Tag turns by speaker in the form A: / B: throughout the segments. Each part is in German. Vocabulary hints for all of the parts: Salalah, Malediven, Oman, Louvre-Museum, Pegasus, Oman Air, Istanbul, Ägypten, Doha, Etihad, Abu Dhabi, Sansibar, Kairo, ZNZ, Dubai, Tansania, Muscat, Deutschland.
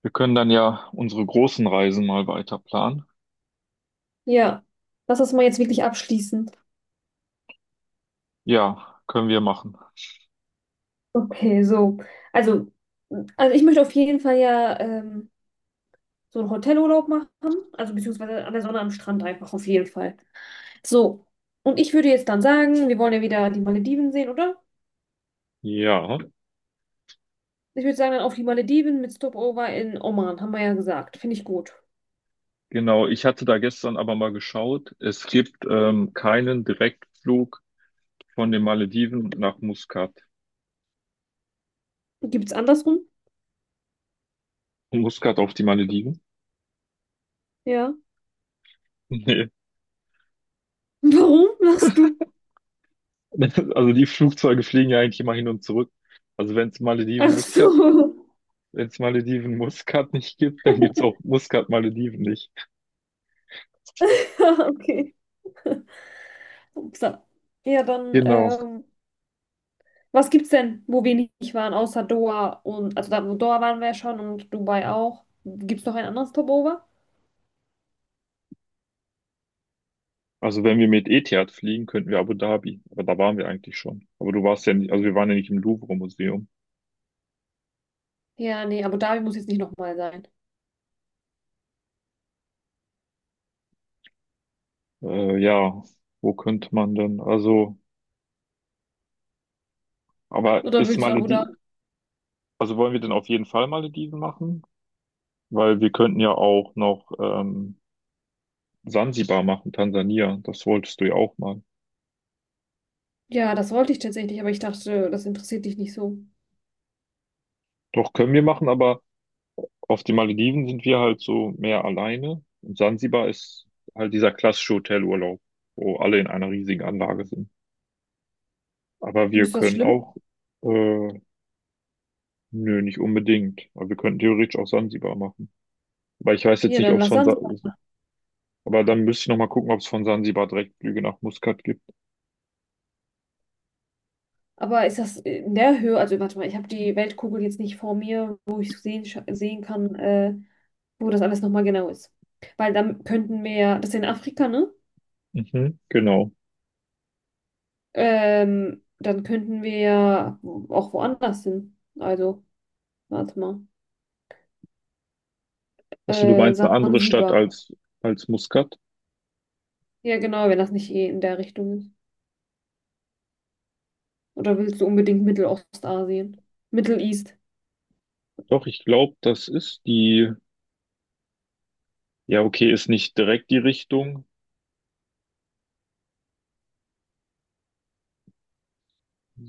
A: Wir können dann ja unsere großen Reisen mal weiter planen.
B: Ja, lass das mal jetzt wirklich abschließen.
A: Ja, können wir machen.
B: Okay, so. Also, also ich möchte auf jeden Fall ja so einen Hotelurlaub machen, also beziehungsweise an der Sonne am Strand einfach auf jeden Fall. So, und ich würde jetzt dann sagen, wir wollen ja wieder die Malediven sehen, oder?
A: Ja,
B: Ich würde sagen, dann auf die Malediven mit Stopover in Oman, haben wir ja gesagt. Finde ich gut.
A: genau. Ich hatte da gestern aber mal geschaut. Es gibt keinen Direktflug von den Malediven nach Muscat.
B: Gibt's andersrum?
A: Von Muscat auf die Malediven?
B: Ja.
A: Nee.
B: Warum lachst du?
A: Also die Flugzeuge fliegen ja eigentlich immer hin und zurück. Also wenn es Malediven
B: Ach so.
A: Muscat, wenn es Malediven Muscat nicht gibt, dann gibt es auch Muscat Malediven nicht.
B: Okay. Upsa. Ja, dann,
A: Genau.
B: was gibt's denn, wo wir nicht waren, außer Doha und, also da, wo Doha waren wir ja schon und Dubai auch. Gibt's noch ein anderes Stopover?
A: Also wenn wir mit Etihad fliegen, könnten wir Abu Dhabi. Aber da waren wir eigentlich schon. Aber du warst ja nicht, also wir waren ja nicht im Louvre-Museum.
B: Ja, nee, Abu Dhabi muss jetzt nicht nochmal sein.
A: Ja, wo könnte man denn? Aber
B: Oder
A: ist
B: willst du Abu Dhabi?
A: Malediven, also wollen wir denn auf jeden Fall Malediven machen? Weil wir könnten ja auch noch Sansibar machen, Tansania. Das wolltest du ja auch mal.
B: Ja, das wollte ich tatsächlich, aber ich dachte, das interessiert dich nicht so.
A: Doch, können wir machen, aber auf den Malediven sind wir halt so mehr alleine. Und Sansibar ist halt dieser klassische Hotelurlaub, wo alle in einer riesigen Anlage sind. Aber wir
B: Findest du das
A: können
B: schlimm?
A: auch, äh, nö, nicht unbedingt. Aber wir könnten theoretisch auch Sansibar machen. Weil ich weiß jetzt
B: Ja,
A: nicht,
B: dann
A: ob es
B: lass
A: von,
B: dann.
A: Sa
B: So.
A: Aber dann müsste ich nochmal gucken, ob es von Sansibar direkt Flüge nach Muscat gibt.
B: Aber ist das in der Höhe, also warte mal, ich habe die Weltkugel jetzt nicht vor mir, wo ich sehen kann, wo das alles nochmal genau ist. Weil dann könnten wir, ja, das ist in Afrika, ne?
A: Mhm, genau.
B: Dann könnten wir ja auch woanders hin. Also, warte mal.
A: Achso, du meinst eine andere Stadt
B: Sansibar.
A: als Muscat?
B: Ja, genau, wenn das nicht eh in der Richtung ist. Oder willst du unbedingt Mittelostasien? Middle East.
A: Doch, ich glaube, das ist die, ja, okay, ist nicht direkt die Richtung.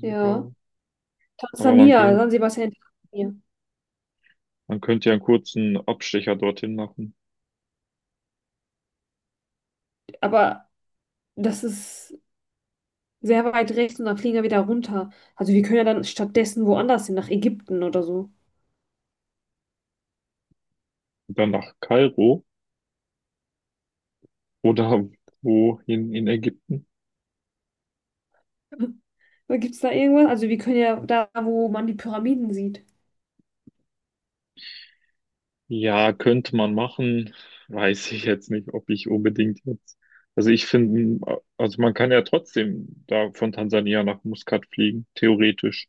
B: Ja.
A: Aber man
B: Tansania,
A: könnte,
B: Sansibar ist ja in Tansania.
A: man könnte ja einen kurzen Abstecher dorthin machen.
B: Aber das ist sehr weit rechts und dann fliegen wir wieder runter. Also wir können ja dann stattdessen woanders hin, nach Ägypten oder so.
A: Und dann nach Kairo oder wohin in Ägypten.
B: Gibt es da irgendwas? Also wir können ja da, wo man die Pyramiden sieht.
A: Ja, könnte man machen. Weiß ich jetzt nicht, ob ich unbedingt jetzt. Also ich finde, also man kann ja trotzdem da von Tansania nach Muscat fliegen, theoretisch.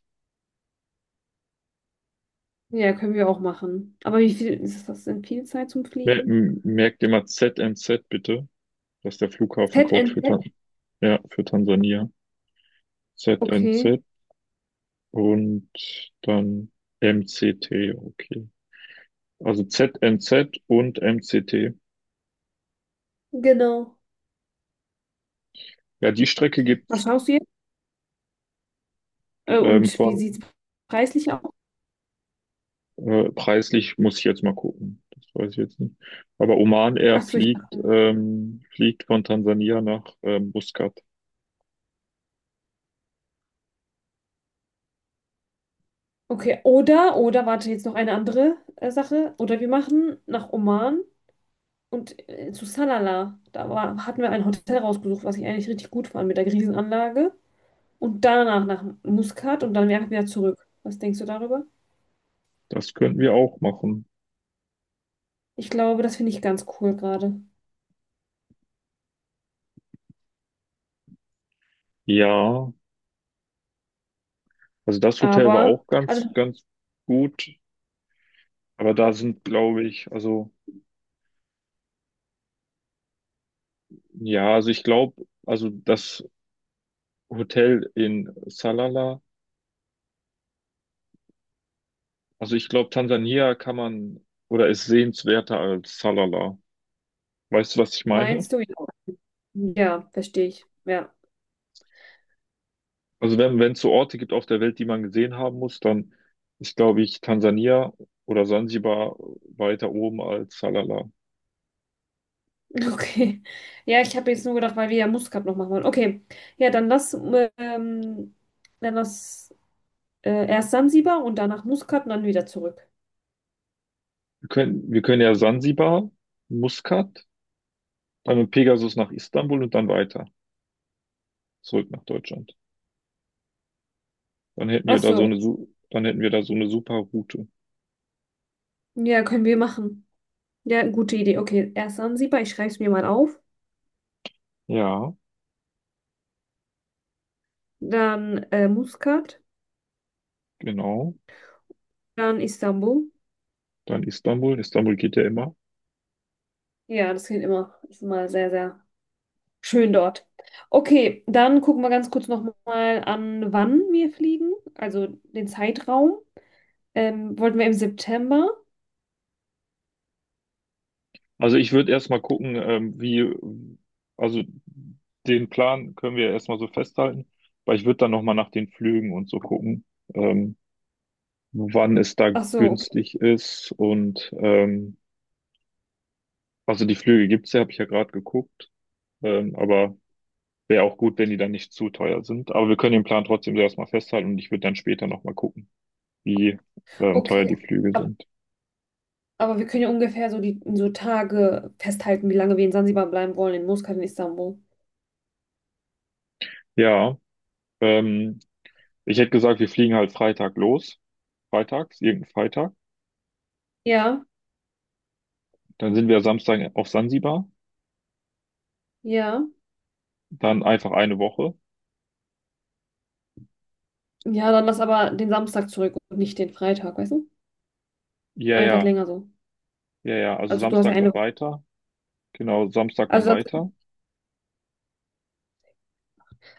B: Ja, können wir auch machen. Aber wie viel ist das denn viel Zeit zum Fliegen?
A: Merkt immer ZNZ bitte. Das ist der Flughafencode für
B: ZNZ?
A: Tan Ja, für Tansania.
B: Okay,
A: ZNZ und dann MCT, okay. Also ZNZ und MCT.
B: genau.
A: Ja, die Strecke
B: Was
A: gibt's
B: schaust du jetzt? Äh, und wie sieht
A: von
B: es preislich aus?
A: Preislich muss ich jetzt mal gucken. Das weiß ich jetzt nicht. Aber Oman Air
B: Ach so, ich
A: fliegt,
B: dachte.
A: fliegt von Tansania nach Muscat.
B: Okay, oder, warte, jetzt noch eine andere Sache. Oder wir machen nach Oman und zu Salalah. Da war, hatten wir ein Hotel rausgesucht, was ich eigentlich richtig gut fand mit der Riesenanlage. Und danach nach Muscat und dann einfach wieder zurück. Was denkst du darüber?
A: Das könnten wir auch machen.
B: Ich glaube, das finde ich ganz cool gerade.
A: Ja, also das Hotel war
B: Aber,
A: auch
B: also
A: ganz, ganz gut. Aber da sind, glaube ich, also, ja, also ich glaube, also das Hotel in Salalah, also ich glaube, Tansania kann man oder ist sehenswerter als Salalah. Weißt du, was ich meine?
B: meinst du, ja. Ja, verstehe ich. Ja,
A: Also wenn es so Orte gibt auf der Welt, die man gesehen haben muss, dann ist, glaube ich, Tansania oder Sansibar weiter oben als Salalah.
B: okay. Ja, ich habe jetzt nur gedacht, weil wir ja Muskat noch machen wollen. Okay, ja, dann lass erst Sansibar und danach Muskat und dann wieder zurück.
A: Wir können ja Sansibar, Muscat, dann mit Pegasus nach Istanbul und dann weiter zurück nach Deutschland.
B: Ach so,
A: Dann hätten wir da so eine super Route.
B: ja, können wir machen. Ja, gute Idee. Okay, erst Sansibar, ich schreibe es mir mal auf.
A: Ja,
B: Dann Muskat,
A: genau.
B: dann Istanbul.
A: Dann Istanbul. Istanbul geht ja immer.
B: Ja, das klingt immer, ist immer sehr, sehr schön dort. Okay, dann gucken wir ganz kurz nochmal an, wann wir fliegen, also den Zeitraum. Wollten wir im September?
A: Also ich würde erstmal gucken, wie, also den Plan können wir erstmal so festhalten, weil ich würde dann nochmal nach den Flügen und so gucken, ähm, wann es da
B: Ach so, okay.
A: günstig ist also die Flüge gibt's ja, habe ich ja gerade geguckt, aber wäre auch gut, wenn die dann nicht zu teuer sind. Aber wir können den Plan trotzdem so erstmal festhalten und ich würde dann später nochmal gucken, wie
B: Okay,
A: teuer die Flüge
B: aber,
A: sind.
B: aber wir können ja ungefähr so die so Tage festhalten, wie lange wir in Sansibar bleiben wollen, in Muscat, in Istanbul.
A: Ja, ähm, Ich hätte gesagt, wir fliegen halt Freitag los, freitags, irgendein Freitag.
B: Ja,
A: Dann sind wir Samstag auf Sansibar,
B: ja.
A: dann einfach eine Woche.
B: Ja, dann lass aber den Samstag zurück und nicht den Freitag, weißt du?
A: Ja,
B: Einen Tag
A: ja,
B: länger so.
A: ja, ja, also
B: Also du hast ja
A: Samstag
B: eine
A: dann
B: Woche.
A: weiter. Genau, Samstag dann
B: Also,
A: weiter.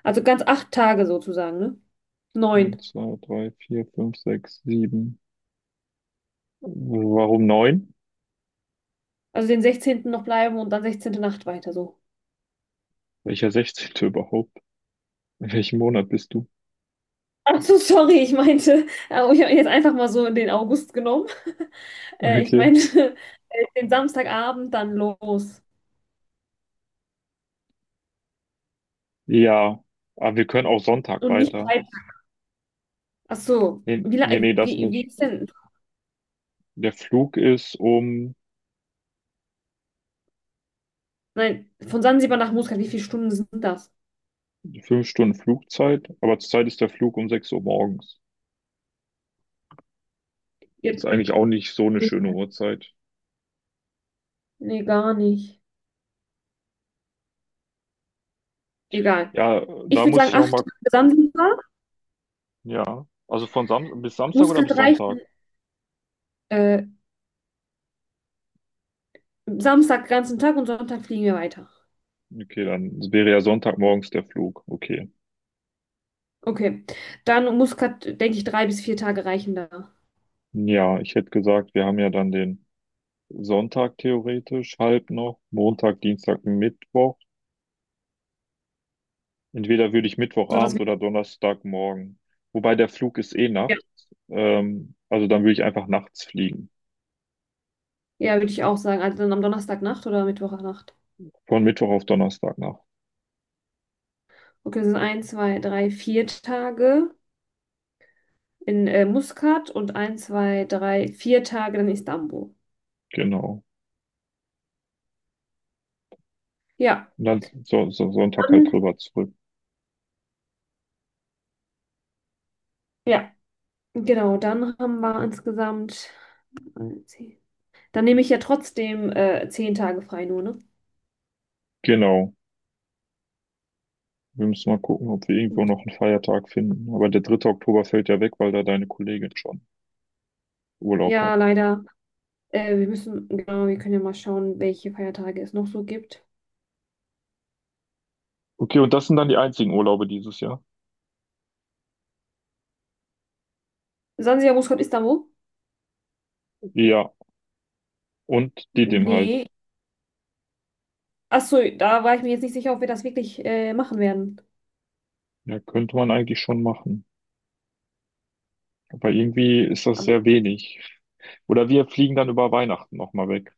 B: also ganz 8 Tage sozusagen, ne? Neun.
A: Eins, zwei, drei, vier, fünf, sechs, sieben. Warum neun?
B: Also den 16. noch bleiben und dann 16. Nacht weiter so.
A: Welcher 16. überhaupt? In welchem Monat bist du?
B: Ach so, sorry, ich meinte, oh, ich habe jetzt einfach mal so den August genommen. Ich
A: Okay.
B: meinte den Samstagabend dann los.
A: Ja, aber wir können auch Sonntag
B: Und nicht
A: weiter.
B: breit. Ach so.
A: Nee,
B: Wie, la-
A: nee, nee, das
B: wie, wie
A: nicht.
B: ist denn?
A: Der Flug ist um
B: Nein, von Sansibar nach Muscat, wie viele Stunden sind das?
A: Fünf Stunden Flugzeit, aber zurzeit ist der Flug um 6 Uhr morgens. Ist
B: Ihr-
A: eigentlich auch nicht so eine
B: Nee,
A: schöne Uhrzeit.
B: nee, gar nicht. Egal.
A: Ja,
B: Ich
A: da
B: würde
A: muss
B: sagen,
A: ich noch
B: acht
A: mal
B: Tage Sansibar.
A: Ja. Also von Sam bis Samstag oder
B: Muscat
A: bis Sonntag?
B: reichen. Äh, Samstag ganzen Tag und Sonntag fliegen wir weiter.
A: Okay, dann wäre ja Sonntagmorgens der Flug. Okay.
B: Okay. Dann Muscat, denke ich, 3 bis 4 Tage reichen da.
A: Ja, ich hätte gesagt, wir haben ja dann den Sonntag theoretisch halb noch, Montag, Dienstag, Mittwoch. Entweder würde ich
B: So, dass
A: Mittwochabend
B: wir,
A: oder Donnerstagmorgen. Wobei der Flug ist eh
B: ja,
A: nachts. Also dann würde ich einfach nachts fliegen.
B: ja, würde ich auch sagen. Also dann am Donnerstagnacht oder Mittwochnacht.
A: Von Mittwoch auf Donnerstagnacht.
B: Okay, das sind ein, zwei, drei, vier Tage in Muscat und ein, zwei, drei, vier Tage in Istanbul.
A: Genau.
B: Ja,
A: Und dann so, so Sonntag halt
B: dann,
A: drüber zurück.
B: ja, genau, dann haben wir insgesamt 10. Dann nehme ich ja trotzdem 10 Tage frei nur, ne?
A: Genau. Wir müssen mal gucken, ob wir irgendwo noch einen Feiertag finden. Aber der dritte Oktober fällt ja weg, weil da deine Kollegin schon Urlaub
B: Ja,
A: hat.
B: leider. Wir müssen, genau, wir können ja mal schauen, welche Feiertage es noch so gibt.
A: Okay, und das sind dann die einzigen Urlaube dieses Jahr?
B: Sansibar, Muscat, Istanbul?
A: Ja, und die dem halt.
B: Nee. Achso, da war ich mir jetzt nicht sicher, ob wir das wirklich machen werden.
A: Ja, könnte man eigentlich schon machen. Aber irgendwie ist das
B: Aber,
A: sehr wenig. Oder wir fliegen dann über Weihnachten nochmal weg.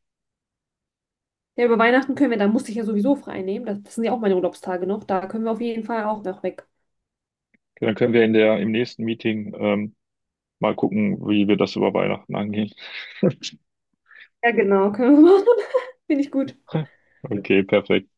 B: ja, über Weihnachten können wir, da musste ich ja sowieso frei nehmen. Das sind ja auch meine Urlaubstage noch. Da können wir auf jeden Fall auch noch weg.
A: Dann können wir in der, im nächsten Meeting mal gucken, wie wir das über Weihnachten angehen.
B: Ja, genau, können wir machen. Finde ich gut.
A: Okay, perfekt.